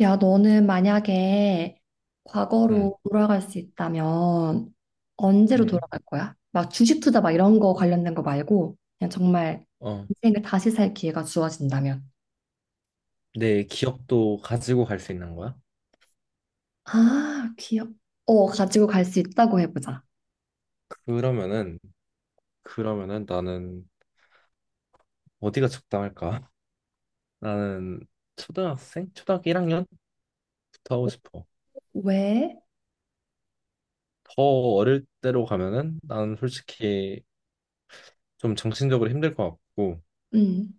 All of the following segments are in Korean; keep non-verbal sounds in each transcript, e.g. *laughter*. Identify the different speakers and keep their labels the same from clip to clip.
Speaker 1: 야, 너는 만약에
Speaker 2: 음,
Speaker 1: 과거로 돌아갈 수 있다면 언제로
Speaker 2: 음,
Speaker 1: 돌아갈 거야? 막 주식 투자 막 이런 거 관련된 거 말고 그냥 정말
Speaker 2: 어,
Speaker 1: 인생을 다시 살 기회가 주어진다면.
Speaker 2: 내 기억도 가지고 갈 수 있는 거야?
Speaker 1: 아, 기억. 어, 가지고 갈 수 있다고 해보자.
Speaker 2: 그러면은, 그러면은 나는 어디가 적당할까? *laughs* 나는 초등학생? 초등학교 1학년부터 하고 싶어.
Speaker 1: 왜?
Speaker 2: 더 어릴 때로 가면은 나는 솔직히 좀 정신적으로 힘들 것 같고,
Speaker 1: 음,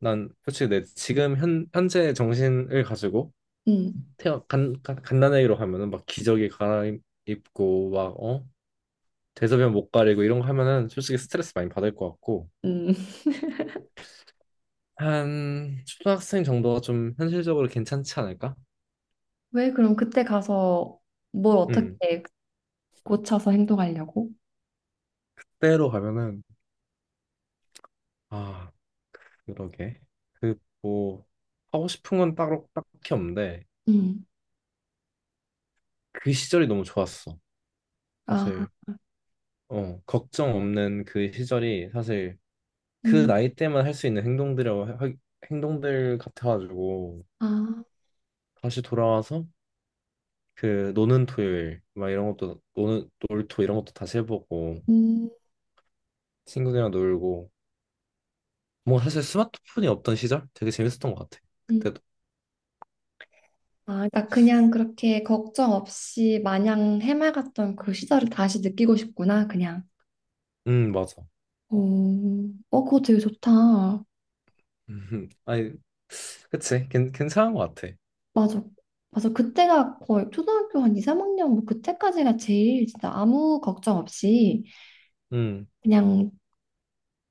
Speaker 2: 난 솔직히 내 지금 현재 정신을 가지고
Speaker 1: 음,
Speaker 2: 간단하게로 하면은 막 기저귀 갈아입고 막, 어? 대소변 못 가리고 이런 거 하면은 솔직히 스트레스 많이 받을 것 같고,
Speaker 1: 음. *laughs*
Speaker 2: 한 초등학생 정도가 좀 현실적으로 괜찮지 않을까?
Speaker 1: 왜 그럼 그때 가서 뭘
Speaker 2: 음,
Speaker 1: 어떻게 고쳐서 행동하려고?
Speaker 2: 때로 가면은 아 그러게 그 뭐 하고 싶은 건 따로 딱히 없는데
Speaker 1: 음,
Speaker 2: 그 시절이 너무 좋았어.
Speaker 1: 아,
Speaker 2: 사실 걱정 없는 그 시절이 사실 그
Speaker 1: 음,
Speaker 2: 나이 때만 할 수 있는 행동들 같아가지고
Speaker 1: 아,
Speaker 2: 다시 돌아와서 그 노는 토요일 막 이런 것도 노는 놀토 이런 것도 다시 해보고
Speaker 1: 음,
Speaker 2: 친구들이랑 놀고 뭐 사실 스마트폰이 없던 시절 되게 재밌었던 것 같아.
Speaker 1: 음.
Speaker 2: 그때도.
Speaker 1: 아, 그러니까 그냥 그렇게 걱정 없이 마냥 해맑았던 그 시절을 다시 느끼고 싶구나, 그냥.
Speaker 2: 맞아.
Speaker 1: 오, 어, 그거 되게 좋다.
Speaker 2: 아니, 그치. 괜찮은 것 같아.
Speaker 1: 맞아. 맞아. 그때가 거의 초등학교 한 2, 3학년, 뭐 그때까지가 제일 진짜 아무 걱정 없이
Speaker 2: 음,
Speaker 1: 그냥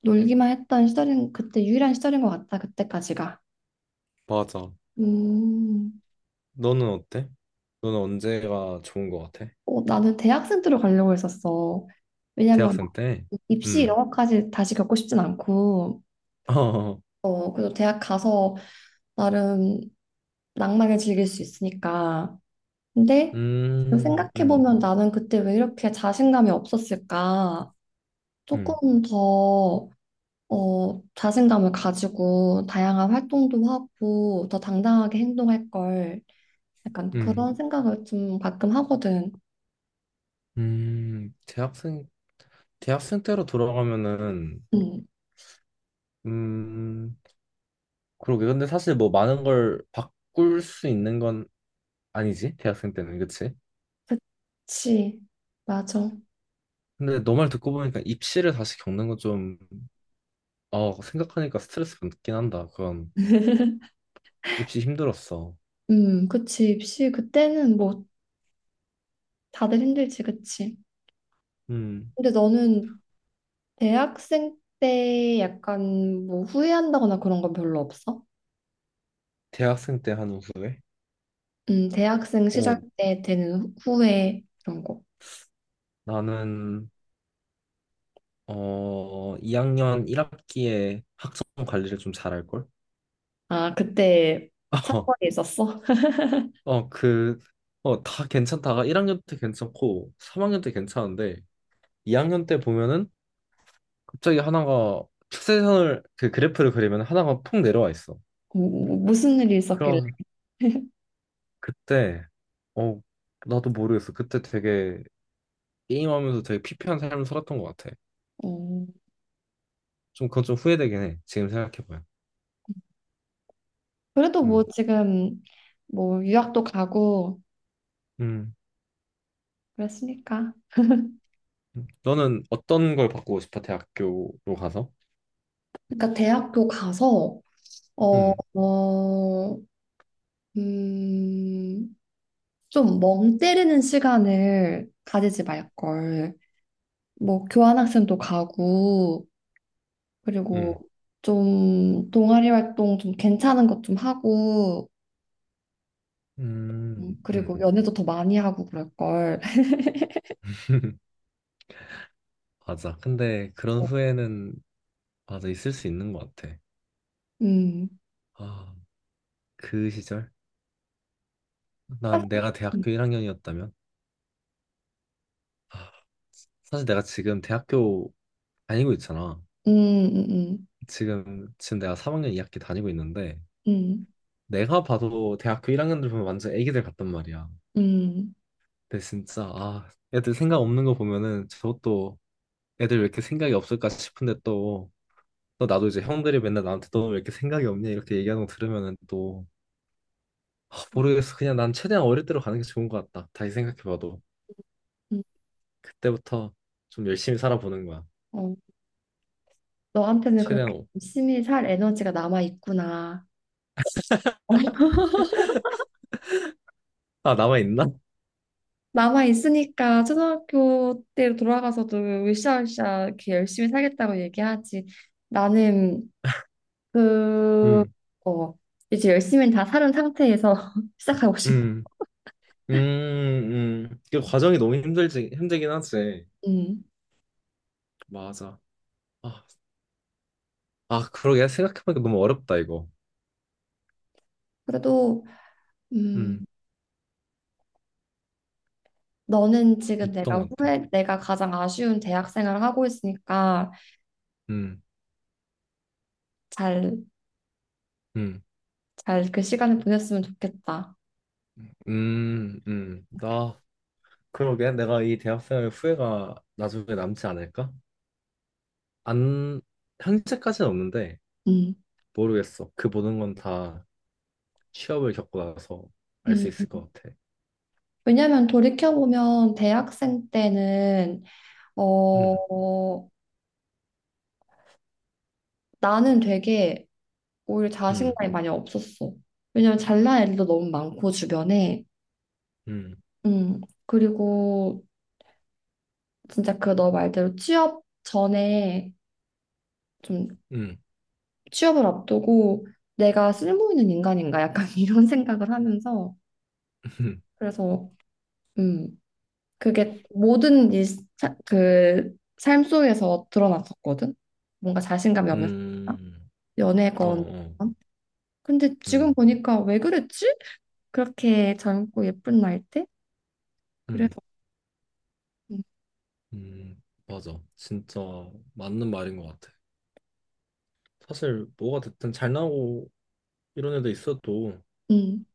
Speaker 1: 놀기만 했던 시절인, 그때 유일한 시절인 것 같다, 그때까지가.
Speaker 2: 맞아.
Speaker 1: 음,
Speaker 2: 너는 어때? 너는 언제가 좋은 것 같아?
Speaker 1: 어, 나는 대학생 들어가려고 했었어. 왜냐면 막
Speaker 2: 대학생 때?
Speaker 1: 입시 이런
Speaker 2: 음.
Speaker 1: 것까지 다시 겪고 싶진 않고,
Speaker 2: *laughs* 어,
Speaker 1: 어, 그래서 대학 가서 나름 낭만을 즐길 수 있으니까. 근데
Speaker 2: 음, 음,
Speaker 1: 생각해보면 나는 그때 왜 이렇게 자신감이 없었을까?
Speaker 2: 음,
Speaker 1: 조금 더 어, 자신감을 가지고 다양한 활동도 하고 더 당당하게 행동할 걸. 약간
Speaker 2: 음,
Speaker 1: 그런 생각을 좀 가끔 하거든.
Speaker 2: 음. 대학생, 대학생 때로 돌아가면은,
Speaker 1: 음,
Speaker 2: 음, 그러게. 근데 사실 뭐 많은 걸 바꿀 수 있는 건 아니지? 대학생 때는, 그치?
Speaker 1: 그치. 맞아.
Speaker 2: 근데 너 말 듣고 보니까 입시를 다시 겪는 건 좀, 생각하니까 스트레스 받긴 한다. 그건
Speaker 1: *laughs*
Speaker 2: 입시 힘들었어.
Speaker 1: 그치. 입시 그때는 뭐 다들 힘들지, 그치.
Speaker 2: 음,
Speaker 1: 근데 너는 대학생 때 약간 뭐 후회한다거나 그런 건 별로 없어?
Speaker 2: 대학생 때 한 후에?
Speaker 1: 대학생 시절
Speaker 2: 어,
Speaker 1: 때 되는 후회 그런 거.
Speaker 2: 나는, 2학년 1학기에 학점 관리를 좀 잘할걸?
Speaker 1: 아, 그때
Speaker 2: *laughs* 어,
Speaker 1: 사건이 있었어? *laughs*
Speaker 2: 어, 그, 다 괜찮다가 1학년 때 괜찮고 3학년 때 괜찮은데 2학년 때 보면은 갑자기 하나가 추세선을, 그 그래프를 그리면 하나가 폭 내려와 있어.
Speaker 1: 뭐, 뭐, 무슨 일이 있었길래?
Speaker 2: 그러,
Speaker 1: *laughs*
Speaker 2: 그때 어 나도 모르겠어. 그때 되게 게임하면서 되게 피폐한 삶을 살았던 것 같아.
Speaker 1: 음,
Speaker 2: 좀 그건 좀 후회되긴 해. 지금 생각해봐요.
Speaker 1: 그래도 뭐
Speaker 2: 음,
Speaker 1: 지금 뭐 유학도 가고
Speaker 2: 음.
Speaker 1: 그랬으니까.
Speaker 2: 음. 너는 어떤 걸 바꾸고 싶어? 대학교로 가서?
Speaker 1: 그러니까 대학교 가서 어,
Speaker 2: 음,
Speaker 1: 어, 음, 좀 멍 때리는 시간을 가지지 말걸. 뭐 교환학생도 가고 그리고
Speaker 2: 음,
Speaker 1: 좀 동아리 활동 좀 괜찮은 것 좀 하고,
Speaker 2: 음,
Speaker 1: 그리고
Speaker 2: 음.
Speaker 1: 연애도 더 많이 하고 그럴 걸. *laughs*
Speaker 2: *laughs* 맞아. 근데 그런 후회는 맞아 있을 수 있는 것 같아.
Speaker 1: 음.
Speaker 2: 아, 그 시절? 난 내가
Speaker 1: 음,
Speaker 2: 대학교 1학년이었다면? 아, 사실 내가 지금 대학교 다니고 있잖아.
Speaker 1: 음, 음,
Speaker 2: 지금 내가 3학년 2학기 다니고 있는데
Speaker 1: 음,
Speaker 2: 내가 봐도 대학교 1학년들 보면 완전 애기들 같단 말이야.
Speaker 1: 음.
Speaker 2: 근데 진짜 아 애들 생각 없는 거 보면은 저것도 애들 왜 이렇게 생각이 없을까 싶은데 또, 또 나도 이제 형들이 맨날 나한테 너 왜 이렇게 생각이 없냐 이렇게 얘기하는 거 들으면은 또 아, 모르겠어. 그냥 난 최대한 어릴 때로 가는 게 좋은 것 같다. 다시 생각해봐도
Speaker 1: 음.
Speaker 2: 그때부터 좀 열심히 살아보는 거야.
Speaker 1: 어, 너한테는
Speaker 2: 최대한
Speaker 1: 그렇게
Speaker 2: 오-
Speaker 1: 열심히 살 에너지가 남아 있구나. *laughs*
Speaker 2: 아 남아 있나?
Speaker 1: 남아 있으니까 초등학교 때로 돌아가서도 으쌰으쌰 이렇게 열심히 살겠다고 얘기하지. 나는 그,
Speaker 2: 음,
Speaker 1: 어, 이제 열심히 다 살은 상태에서 *laughs* 시작하고 싶어.
Speaker 2: 음, 음, 그 과정이 너무 힘들지 힘들긴 하지.
Speaker 1: 음.
Speaker 2: 맞아. 아, 아, 그러게 생각해보니까 너무 어렵다 이거.
Speaker 1: 그래도 음,
Speaker 2: 음,
Speaker 1: 너는 지금
Speaker 2: 어떤
Speaker 1: 내가
Speaker 2: 것 같아?
Speaker 1: 후회, 내가 가장 아쉬운 대학 생활을 하고 있으니까
Speaker 2: 음,
Speaker 1: 잘,
Speaker 2: 음,
Speaker 1: 잘 그 시간을 보냈으면 좋겠다.
Speaker 2: 나, 그러게. 내가 이 대학생활 후회가 나중에 남지 않을까? 안, 현재까지는 없는데,
Speaker 1: 음.
Speaker 2: 모르겠어. 그 모든 건 다 취업을 겪고 나서 알 수
Speaker 1: 음.
Speaker 2: 있을 것 같아.
Speaker 1: 왜냐면 돌이켜보면 대학생 때는
Speaker 2: 음,
Speaker 1: 어, 나는 되게 오히려
Speaker 2: 음,
Speaker 1: 자신감이 많이 없었어. 왜냐면 잘난 애들도 너무 많고 주변에.
Speaker 2: 음,
Speaker 1: 음. 그리고 진짜 그 너 말대로 취업 전에 좀
Speaker 2: 음,
Speaker 1: 취업을 앞두고 내가 쓸모 있는 인간인가 약간 *laughs* 이런 생각을 하면서
Speaker 2: *laughs*
Speaker 1: 그래서 음 그게 모든 일, 그, 삶 속에서 드러났었거든. 뭔가 자신감이 없는 사람,
Speaker 2: 음, 어,
Speaker 1: 연애건.
Speaker 2: 어,
Speaker 1: 근데 지금
Speaker 2: 음,
Speaker 1: 보니까 왜 그랬지? 그렇게 젊고 예쁜 나이 때? 그래서
Speaker 2: 음,
Speaker 1: 음,
Speaker 2: 맞아. 진짜 맞는 말인 것 같아. 사실 뭐가 됐든 잘 나오고 이런 애도 있어도
Speaker 1: 음,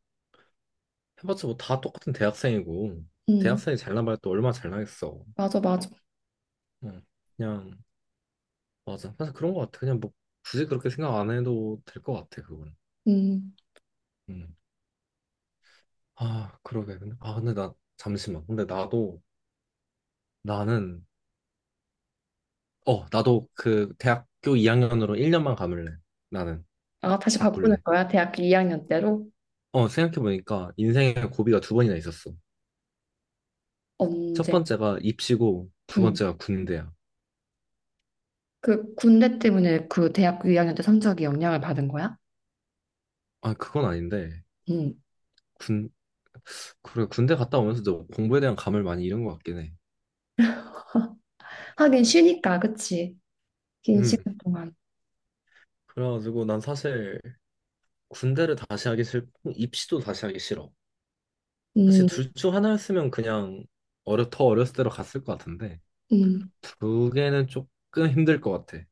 Speaker 2: 해봤자 뭐 다 똑같은 대학생이고
Speaker 1: 음,
Speaker 2: 대학생이 잘나봐야 또 얼마나 잘나겠어.
Speaker 1: 맞아, 맞아.
Speaker 2: 응. 그냥 맞아. 사실 그런 것 같아. 그냥 뭐 굳이 그렇게 생각 안 해도 될 것 같아 그건.
Speaker 1: 음.
Speaker 2: 음. 아 그러게. 근데 나 잠시만. 근데 나도 나는 나도 그 대학교 2학년으로 1년만 감을래. 나는
Speaker 1: 아, 다시 바꾸는
Speaker 2: 바꿀래.
Speaker 1: 거야? 대학교 2학년 때로?
Speaker 2: 생각해보니까 인생에 고비가 2번이나 있었어. 첫
Speaker 1: 언제?
Speaker 2: 번째가 입시고 두
Speaker 1: 음.
Speaker 2: 번째가 군대야.
Speaker 1: 그 군대 때문에 그 대학교 2학년 때 성적이 영향을 받은 거야?
Speaker 2: 아 그건 아닌데
Speaker 1: 응.
Speaker 2: 군 그래 군대 갔다 오면서 도 공부에 대한 감을 많이 잃은 것 같긴 해.
Speaker 1: *laughs* 하긴 쉬니까, 그치? 긴
Speaker 2: 음.
Speaker 1: 시간 동안.
Speaker 2: 그래가지고 난 사실 군대를 다시 하기 싫고 입시도 다시 하기 싫어. 사실
Speaker 1: 음,
Speaker 2: 둘 중 하나였으면 그냥 어려 더 어렸을 때로 갔을 것 같은데
Speaker 1: 음.
Speaker 2: 2개는 조금 힘들 것 같아.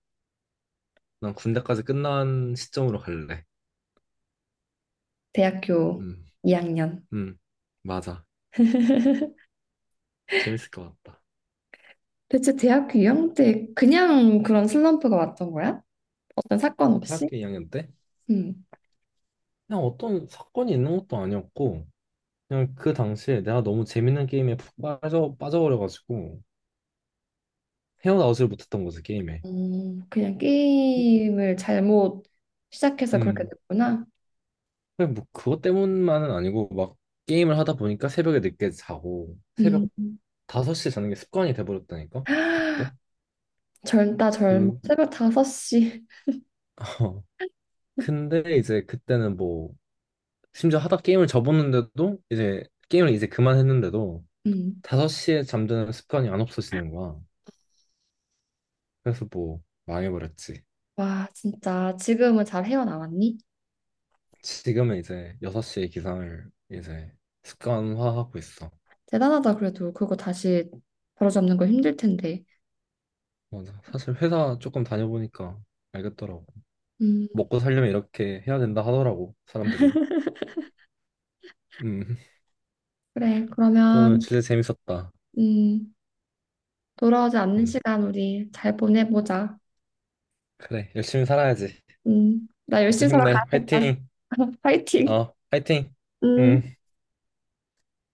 Speaker 2: 난 군대까지 끝난 시점으로 갈래.
Speaker 1: 대학교
Speaker 2: 음,
Speaker 1: 2학년.
Speaker 2: 음, 맞아. 재밌을 것 같다.
Speaker 1: 대체 대학교 2학년 때 그냥 그런 슬럼프가 왔던 거야? 어떤 사건 없이?
Speaker 2: 대학교 2학년 때
Speaker 1: 음.
Speaker 2: 그냥 어떤 사건이 있는 것도 아니었고 그냥 그 당시에 내가 너무 재밌는 게임에 푹 빠져버려가지고 헤어나오질 못했던 거지 게임에.
Speaker 1: 그냥 게임을 잘못 시작해서 그렇게
Speaker 2: 음.
Speaker 1: 됐구나.
Speaker 2: 그냥 뭐 그것 때문만은 아니고 막 게임을 하다 보니까 새벽에 늦게 자고
Speaker 1: 음.
Speaker 2: 새벽 5시에 자는 게 습관이 돼버렸다니까 그때
Speaker 1: *gasps* 젊다 젊어.
Speaker 2: 그
Speaker 1: 새벽 5시.
Speaker 2: *laughs* 근데 이제 그때는 뭐 심지어 하다 게임을 접었는데도 이제 게임을 이제 그만했는데도
Speaker 1: 음.
Speaker 2: 5시에 잠드는 습관이 안 없어지는 거야. 그래서 뭐 망해버렸지.
Speaker 1: 와, 진짜 지금은 잘 헤어나왔니?
Speaker 2: 지금은 이제 6시에 기상을 이제 습관화하고 있어.
Speaker 1: 대단하다 그래도 그거 다시 바로잡는 거 힘들 텐데.
Speaker 2: 맞아 사실 회사 조금 다녀보니까 알겠더라고.
Speaker 1: 음,
Speaker 2: 먹고 살려면 이렇게 해야 된다 하더라고, 사람들이. 음, *laughs*
Speaker 1: 그래.
Speaker 2: 또 오늘
Speaker 1: 그러면
Speaker 2: 진짜 재밌었다.
Speaker 1: 음, 돌아오지 않는
Speaker 2: 음,
Speaker 1: 시간 우리 잘 보내보자.
Speaker 2: 그래, 열심히 살아야지.
Speaker 1: 나
Speaker 2: 모두
Speaker 1: 열심히
Speaker 2: 힘내.
Speaker 1: 살아가야겠다.
Speaker 2: 화이팅!
Speaker 1: *laughs* 파이팅.
Speaker 2: 화이팅!
Speaker 1: 음.
Speaker 2: 음.